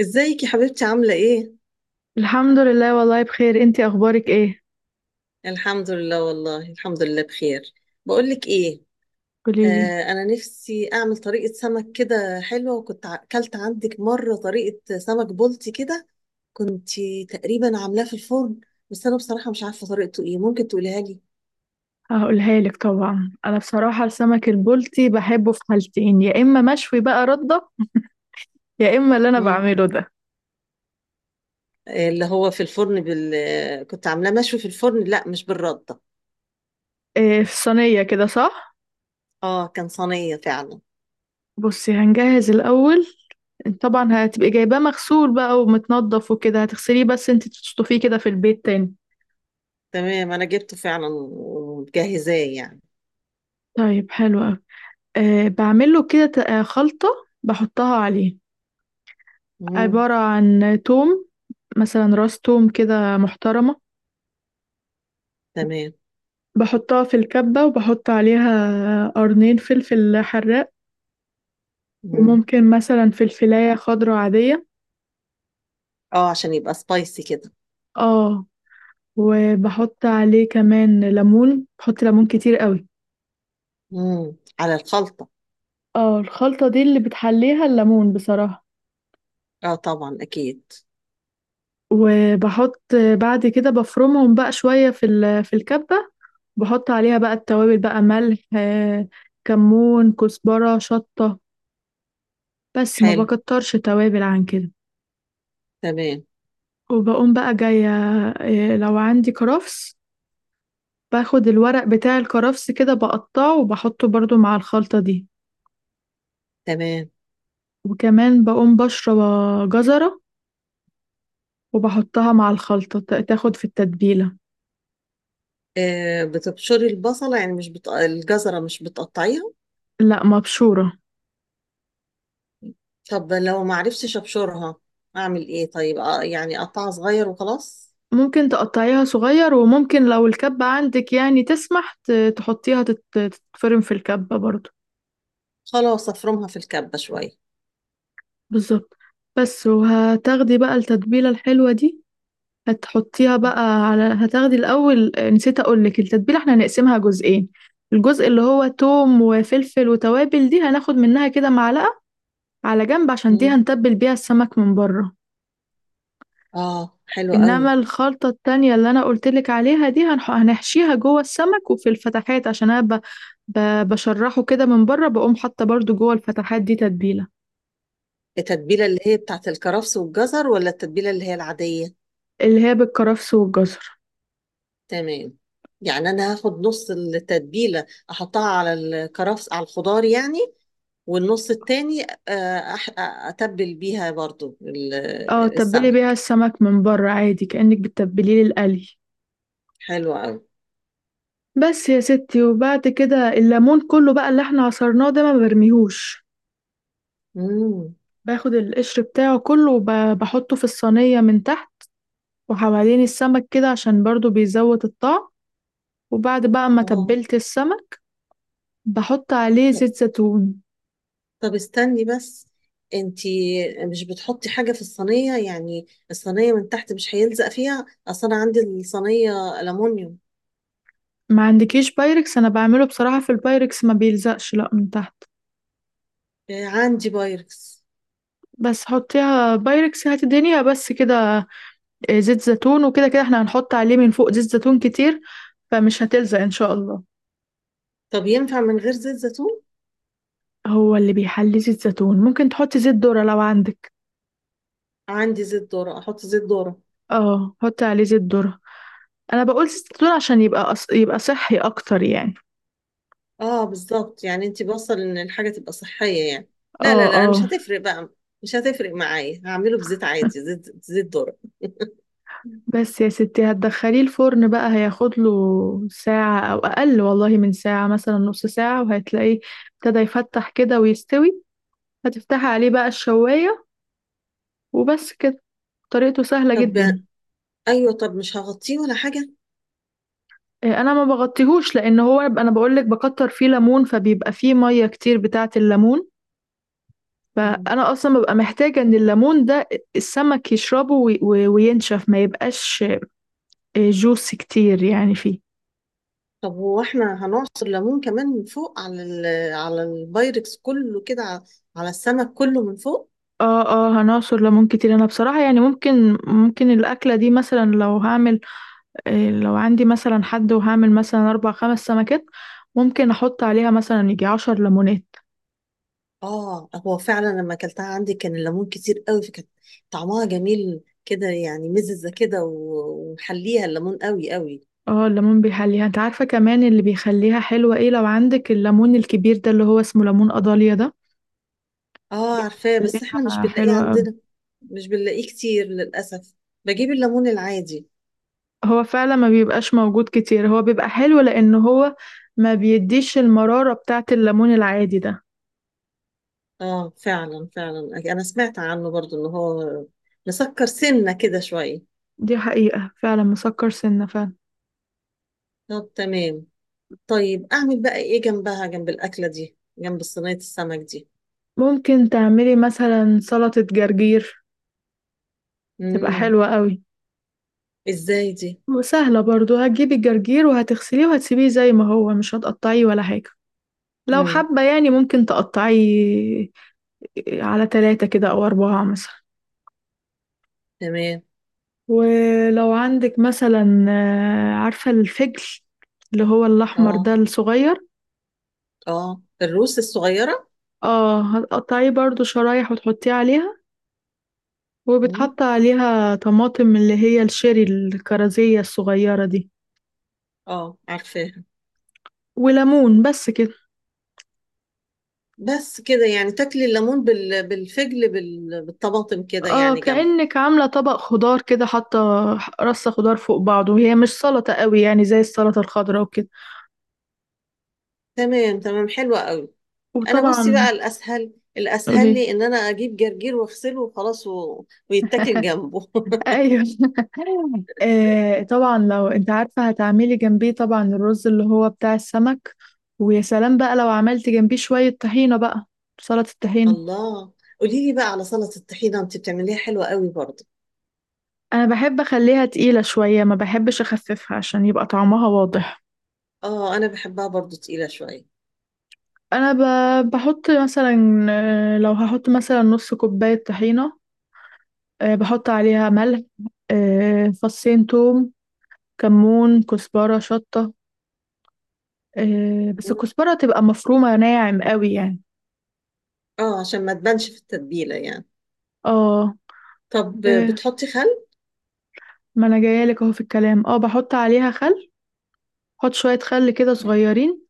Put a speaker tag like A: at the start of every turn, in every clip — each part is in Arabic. A: ازيك يا حبيبتي عاملة ايه؟
B: الحمد لله، والله بخير. انتي اخبارك ايه؟
A: الحمد لله والله الحمد لله بخير. بقولك ايه،
B: قوليلي.
A: انا نفسي اعمل طريقة سمك كده حلوة، وكنت اكلت عندك مرة طريقة سمك بلطي كده. كنت تقريبا عاملاه في الفرن، بس انا بصراحة مش عارفة طريقته ايه، ممكن تقوليها لي؟
B: هقولها لك طبعا. انا بصراحه السمك البلطي بحبه في حالتين، يا اما مشوي بقى رده، يا اما اللي انا
A: مم.
B: بعمله ده.
A: اللي هو في الفرن بال آه، كنت عاملاه مشوي في الفرن، لا مش بالردة.
B: إيه، في صينيه كده، صح؟
A: اه كان صينية فعلا.
B: بصي، هنجهز الاول. طبعا هتبقي جايباه مغسول بقى ومتنضف وكده، هتغسليه بس انتي تشطفيه كده في البيت تاني.
A: تمام، انا جبته فعلا ومجهزاه يعني.
B: طيب، حلو قوي. إيه، بعمله كده خلطه بحطها عليه.
A: مم.
B: عباره عن توم، مثلا راس توم كده محترمه.
A: تمام.
B: بحطها في الكبة وبحط عليها قرنين فلفل حراق،
A: مم.
B: وممكن مثلا فلفلاية خضرا عادية.
A: اه عشان يبقى سبايسي كده.
B: اه. وبحط عليه كمان ليمون، بحط ليمون كتير قوي.
A: امم، على الخلطة.
B: اه، الخلطة دي اللي بتحليها الليمون بصراحة.
A: اه طبعا اكيد.
B: وبحط، بعد كده بفرمهم بقى شوية في في الكبة. بحط عليها بقى التوابل بقى، ملح، كمون، كزبرة، شطة. بس ما
A: حلو.
B: بكترش توابل عن كده.
A: تمام
B: وبقوم بقى جاية، لو عندي كرفس، باخد الورق بتاع الكرفس كده، بقطعه وبحطه برضو مع الخلطة دي.
A: تمام.
B: وكمان بقوم بشرب جزرة، وبحطها مع الخلطة تاخد في التتبيلة.
A: آه بتبشري البصلة يعني مش بت... الجزرة مش بتقطعيها؟
B: لا، مبشورة.
A: طب لو ما عرفتش ابشرها اعمل ايه طيب؟ يعني اقطعها صغير وخلاص.
B: ممكن تقطعيها صغير، وممكن لو الكبة عندك يعني تسمح، تحطيها تتفرم في الكبة برضو.
A: خلاص افرمها في الكبة شوية.
B: بالظبط. بس، وهتاخدي بقى التتبيلة الحلوة دي، هتحطيها بقى على، هتاخدي الأول، نسيت أقولك، التتبيلة احنا هنقسمها جزئين. الجزء اللي هو توم وفلفل وتوابل دي هناخد منها كده معلقة على جنب، عشان دي
A: امم.
B: هنتبل بيها السمك من بره.
A: اه حلو قوي.
B: إنما الخلطة التانية اللي أنا قلتلك عليها دي، هنحشيها جوه السمك وفي الفتحات، عشان أنا بشرحه كده من بره، بقوم حاطة برضو جوه الفتحات دي تتبيلة.
A: التتبيلة اللي هي بتاعت الكرفس والجزر، ولا التتبيلة اللي هي العادية؟
B: اللي هي بالكرفس والجزر.
A: تمام. يعني انا هاخد نص التتبيلة احطها على الكرفس، على الخضار يعني، والنص التاني، أتبل بيها برضو
B: اه، تبلي بيها
A: السمك.
B: السمك من بره عادي كأنك بتتبليه للقلي.
A: حلو قوي.
B: بس يا ستي، وبعد كده الليمون كله بقى اللي احنا عصرناه ده ما برميهوش،
A: امم.
B: باخد القشر بتاعه كله وبحطه في الصينية من تحت وحوالين السمك كده، عشان برضو بيزود الطعم. وبعد بقى ما
A: اه.
B: تبلت السمك، بحط عليه
A: طب،
B: زيت زيتون.
A: طب استني بس، انتي مش بتحطي حاجة في الصينية؟ يعني الصينية من تحت مش هيلزق فيها؟ اصل انا عندي الصينية ألمونيوم.
B: ما عندكيش بايركس؟ انا بعمله بصراحة في البايركس ما بيلزقش لا من تحت.
A: عندي بايركس.
B: بس حطيها بايركس، هات الدنيا بس كده. زيت زيتون، وكده كده احنا هنحط عليه من فوق زيت زيتون كتير، فمش هتلزق ان شاء الله.
A: طب ينفع من غير زيت زيتون؟
B: هو اللي بيحلي زيت زيتون، ممكن تحطي زيت ذرة لو عندك.
A: عندي زيت ذرة، احط زيت ذرة.
B: اه، حطي عليه زيت ذرة. انا بقول زيت زيتون عشان يبقى يبقى صحي اكتر يعني.
A: اه بالظبط، يعني انت بوصل ان الحاجه تبقى صحيه يعني. لا
B: اه
A: لا لا مش
B: اه.
A: هتفرق بقى، مش هتفرق معايا، هعمله بزيت عادي، زيت ذرة.
B: بس يا ستي، هتدخليه الفرن بقى، هياخد له ساعة او اقل، والله من ساعة مثلا، نص ساعة وهتلاقيه ابتدى يفتح كده ويستوي. هتفتحي عليه بقى الشواية، وبس كده. طريقته سهلة
A: طب،
B: جدا.
A: ايوه، طب مش هغطيه ولا حاجه؟
B: إيه، انا ما بغطيهوش، لان هو انا بقول لك بكتر فيه ليمون، فبيبقى فيه مية كتير بتاعة الليمون،
A: مم.
B: فانا اصلا ببقى محتاجه ان الليمون ده السمك يشربه وينشف، ما يبقاش جوس كتير يعني فيه.
A: طب هو احنا هنعصر ليمون كمان من فوق على على البايركس كله كده على السمك كله من فوق؟
B: اه اه، هنعصر ليمون كتير. انا بصراحه يعني ممكن الاكله دي، مثلا لو هعمل، لو عندي مثلا حد وهعمل مثلا اربع خمس سمكات، ممكن احط عليها مثلا يجي عشر ليمونات.
A: اه. هو فعلا لما اكلتها عندي كان الليمون كتير قوي، فكانت طعمها جميل كده يعني، مززه كده ومحليها الليمون قوي قوي.
B: اه الليمون بيحليها. انت عارفه كمان اللي بيخليها حلوه ايه؟ لو عندك الليمون الكبير ده اللي هو اسمه ليمون قضاليا ده،
A: اه عارفاه، بس احنا مش
B: بيخليها
A: بنلاقيه
B: حلوه.
A: عندنا، مش بنلاقيه كتير للأسف، بجيب الليمون العادي.
B: هو فعلا ما بيبقاش موجود كتير، هو بيبقى حلو لأن هو ما بيديش المرارة بتاعة الليمون العادي ده.
A: اه فعلا فعلا، انا سمعت عنه برضو ان هو مسكر سنة كده شوية.
B: دي حقيقة فعلا، مسكر سنة فعلا.
A: طب تمام. طيب اعمل بقى ايه جنبها، جنب الأكلة دي، جنب صينية السمك دي؟
B: ممكن تعملي مثلا سلطة جرجير، تبقى
A: امم.
B: حلوة قوي
A: ازاي دي؟
B: وسهلة برضو. هتجيبي الجرجير وهتغسليه وهتسيبيه زي ما هو، مش هتقطعيه ولا حاجة. لو
A: امم.
B: حابة يعني ممكن تقطعيه على تلاتة كده أو أربعة مثلا.
A: تمام.
B: ولو عندك مثلا، عارفة الفجل اللي هو الأحمر ده
A: اه.
B: الصغير؟
A: اه الروس الصغيرة.
B: اه، هتقطعيه برضو شرايح وتحطيه عليها.
A: امم.
B: وبتحط عليها طماطم اللي هي الشيري الكرزية الصغيرة دي،
A: اه عارفاها.
B: وليمون، بس كده.
A: بس كده؟ يعني تاكلي الليمون بالفجل بالطماطم كده،
B: اه،
A: يعني جنبه.
B: كأنك عاملة طبق خضار كده، حاطة رصة خضار فوق بعضه، وهي مش سلطة قوي يعني زي السلطة الخضراء وكده.
A: تمام تمام، حلوة قوي. انا بصي
B: وطبعا
A: بقى، الاسهل الاسهل
B: قولي.
A: لي ان انا اجيب جرجير واغسله وخلاص و... ويتاكل جنبه.
B: ايوه. طبعا، لو انت عارفة هتعملي جنبيه طبعا الرز اللي هو بتاع السمك. ويا سلام بقى لو عملت جنبيه شوية طحينة بقى، سلطة الطحينة.
A: الله. قولي لي بقى على سلطة الطحينة، انت بتعمليها حلوة قوي برضه.
B: انا بحب اخليها تقيلة شوية، ما بحبش اخففها عشان يبقى طعمها واضح.
A: اه انا بحبها برضه تقيلة شوية.
B: انا بحط مثلا، لو هحط مثلا نص كوباية طحينة، بحط عليها ملح، فصين توم، كمون، كزبرة، شطة، بس الكزبرة تبقى مفرومة ناعم قوي يعني.
A: اه عشان ما تبانش في التتبيلة يعني.
B: اه.
A: طب
B: آه،
A: بتحطي خل؟
B: ما انا جايلك اهو في الكلام. اه، بحط عليها خل، بحط شوية خل كده صغيرين.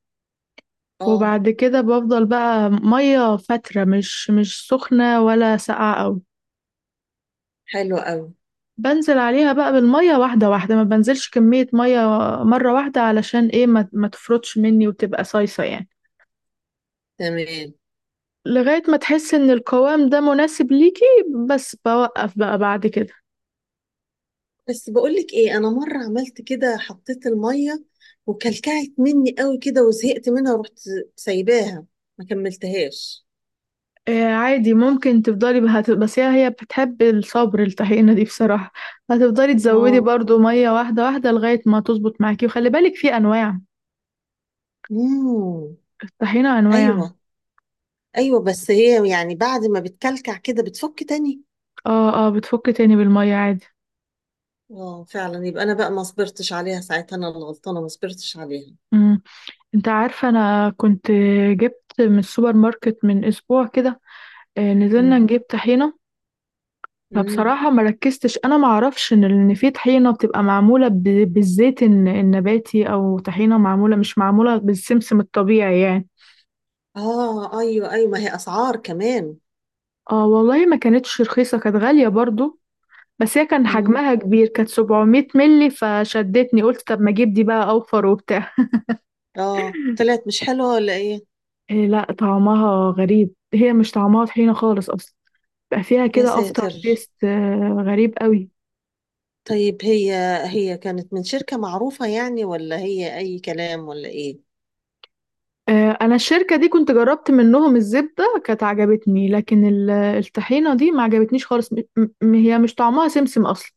A: اه
B: وبعد كده بفضل بقى مية فترة، مش سخنة ولا ساقعة قوي.
A: حلو قوي.
B: بنزل عليها بقى بالمية واحدة واحدة، ما بنزلش كمية مية مرة واحدة، علشان ايه؟ ما, ما تفرطش مني وتبقى صيصة يعني.
A: تمام.
B: لغاية ما تحس ان القوام ده مناسب ليكي، بس بوقف بقى بعد كده.
A: بس بقولك ايه، انا مرة عملت كده، حطيت المية وكلكعت مني قوي كده وزهقت منها، ورحت سايباها، ما كملتهاش.
B: آه عادي، ممكن تفضلي بها بس، هي بتحب الصبر الطحينة دي بصراحة. هتفضلي تزودي
A: اه.
B: برضو مية واحدة واحدة لغاية ما تظبط معاكي. وخلي بالك في انواع
A: امم.
B: الطحينة انواع.
A: ايوه ايوه، بس هي يعني بعد ما بتكلكع كده بتفك تاني.
B: اه اه، بتفك تاني بالمية عادي.
A: اه فعلا، يبقى انا بقى ما صبرتش عليها ساعتها، انا اللي غلطانه، ما صبرتش عليها.
B: مم. انت عارفة، انا كنت جبت من السوبر ماركت من اسبوع كده، نزلنا
A: امم.
B: نجيب طحينة.
A: امم.
B: فبصراحة ما ركزتش، انا ما اعرفش ان في طحينة بتبقى معمولة بالزيت النباتي، او طحينة معمولة، مش معمولة بالسمسم الطبيعي يعني.
A: اه ايوه، ما هي اسعار كمان.
B: اه والله ما كانتش رخيصة، كانت غالية برضو. بس هي كان
A: امم.
B: حجمها كبير، كانت 700 ملي فشدتني. قلت طب ما اجيب دي بقى اوفر وبتاع.
A: اه طلعت مش حلوه ولا ايه؟
B: إيه لا، طعمها غريب، هي مش طعمها طحينة خالص اصلا، بقى فيها
A: يا
B: كده افتر
A: ساتر.
B: تيست غريب قوي.
A: طيب هي، هي كانت من شركه معروفه يعني، ولا هي اي كلام ولا ايه؟
B: انا الشركة دي كنت جربت منهم الزبدة كانت عجبتني، لكن الطحينة دي ما عجبتنيش خالص. هي مش طعمها سمسم اصلا.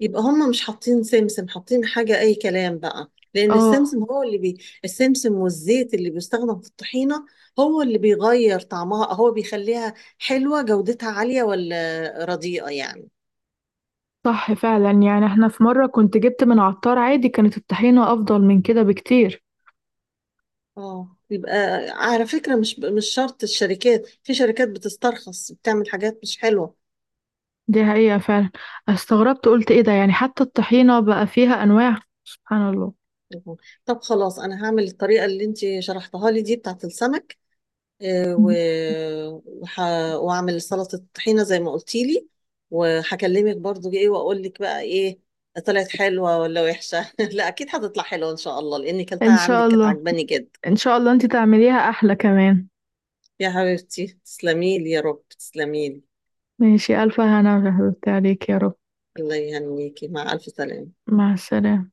A: يبقى هم مش حاطين سمسم، حاطين حاجة أي كلام بقى، لأن
B: اه
A: السمسم هو اللي السمسم والزيت اللي بيستخدم في الطحينة هو اللي بيغير طعمها، هو بيخليها حلوة، جودتها عالية ولا رديئة يعني.
B: صح فعلا. يعني احنا في مرة كنت جبت من عطار عادي، كانت الطحينة افضل من كده بكتير.
A: اه. يبقى، على فكرة، مش شرط الشركات، في شركات بتسترخص بتعمل حاجات مش حلوة.
B: دي حقيقة فعلا. استغربت، قلت ايه ده يعني، حتى الطحينة بقى فيها انواع، سبحان الله.
A: طب خلاص، أنا هعمل الطريقة اللي أنت شرحتها لي دي بتاعت السمك، آه،
B: مم.
A: و- وح... واعمل سلطة طحينة زي ما قلتي لي، وهكلمك برضو، ايه واقول لك بقى، ايه طلعت حلوة ولا وحشة؟ لا اكيد هتطلع حلوة ان شاء الله، لاني كلتها
B: ان شاء
A: عندك كانت
B: الله.
A: عجباني جدا.
B: ان شاء الله انت تعمليها احلى كمان.
A: يا حبيبتي تسلمي لي يا رب، تسلمي لي.
B: ماشي، الف هنا عليك يا رب.
A: الله يهنيكي، مع ألف سلامة.
B: مع السلامة.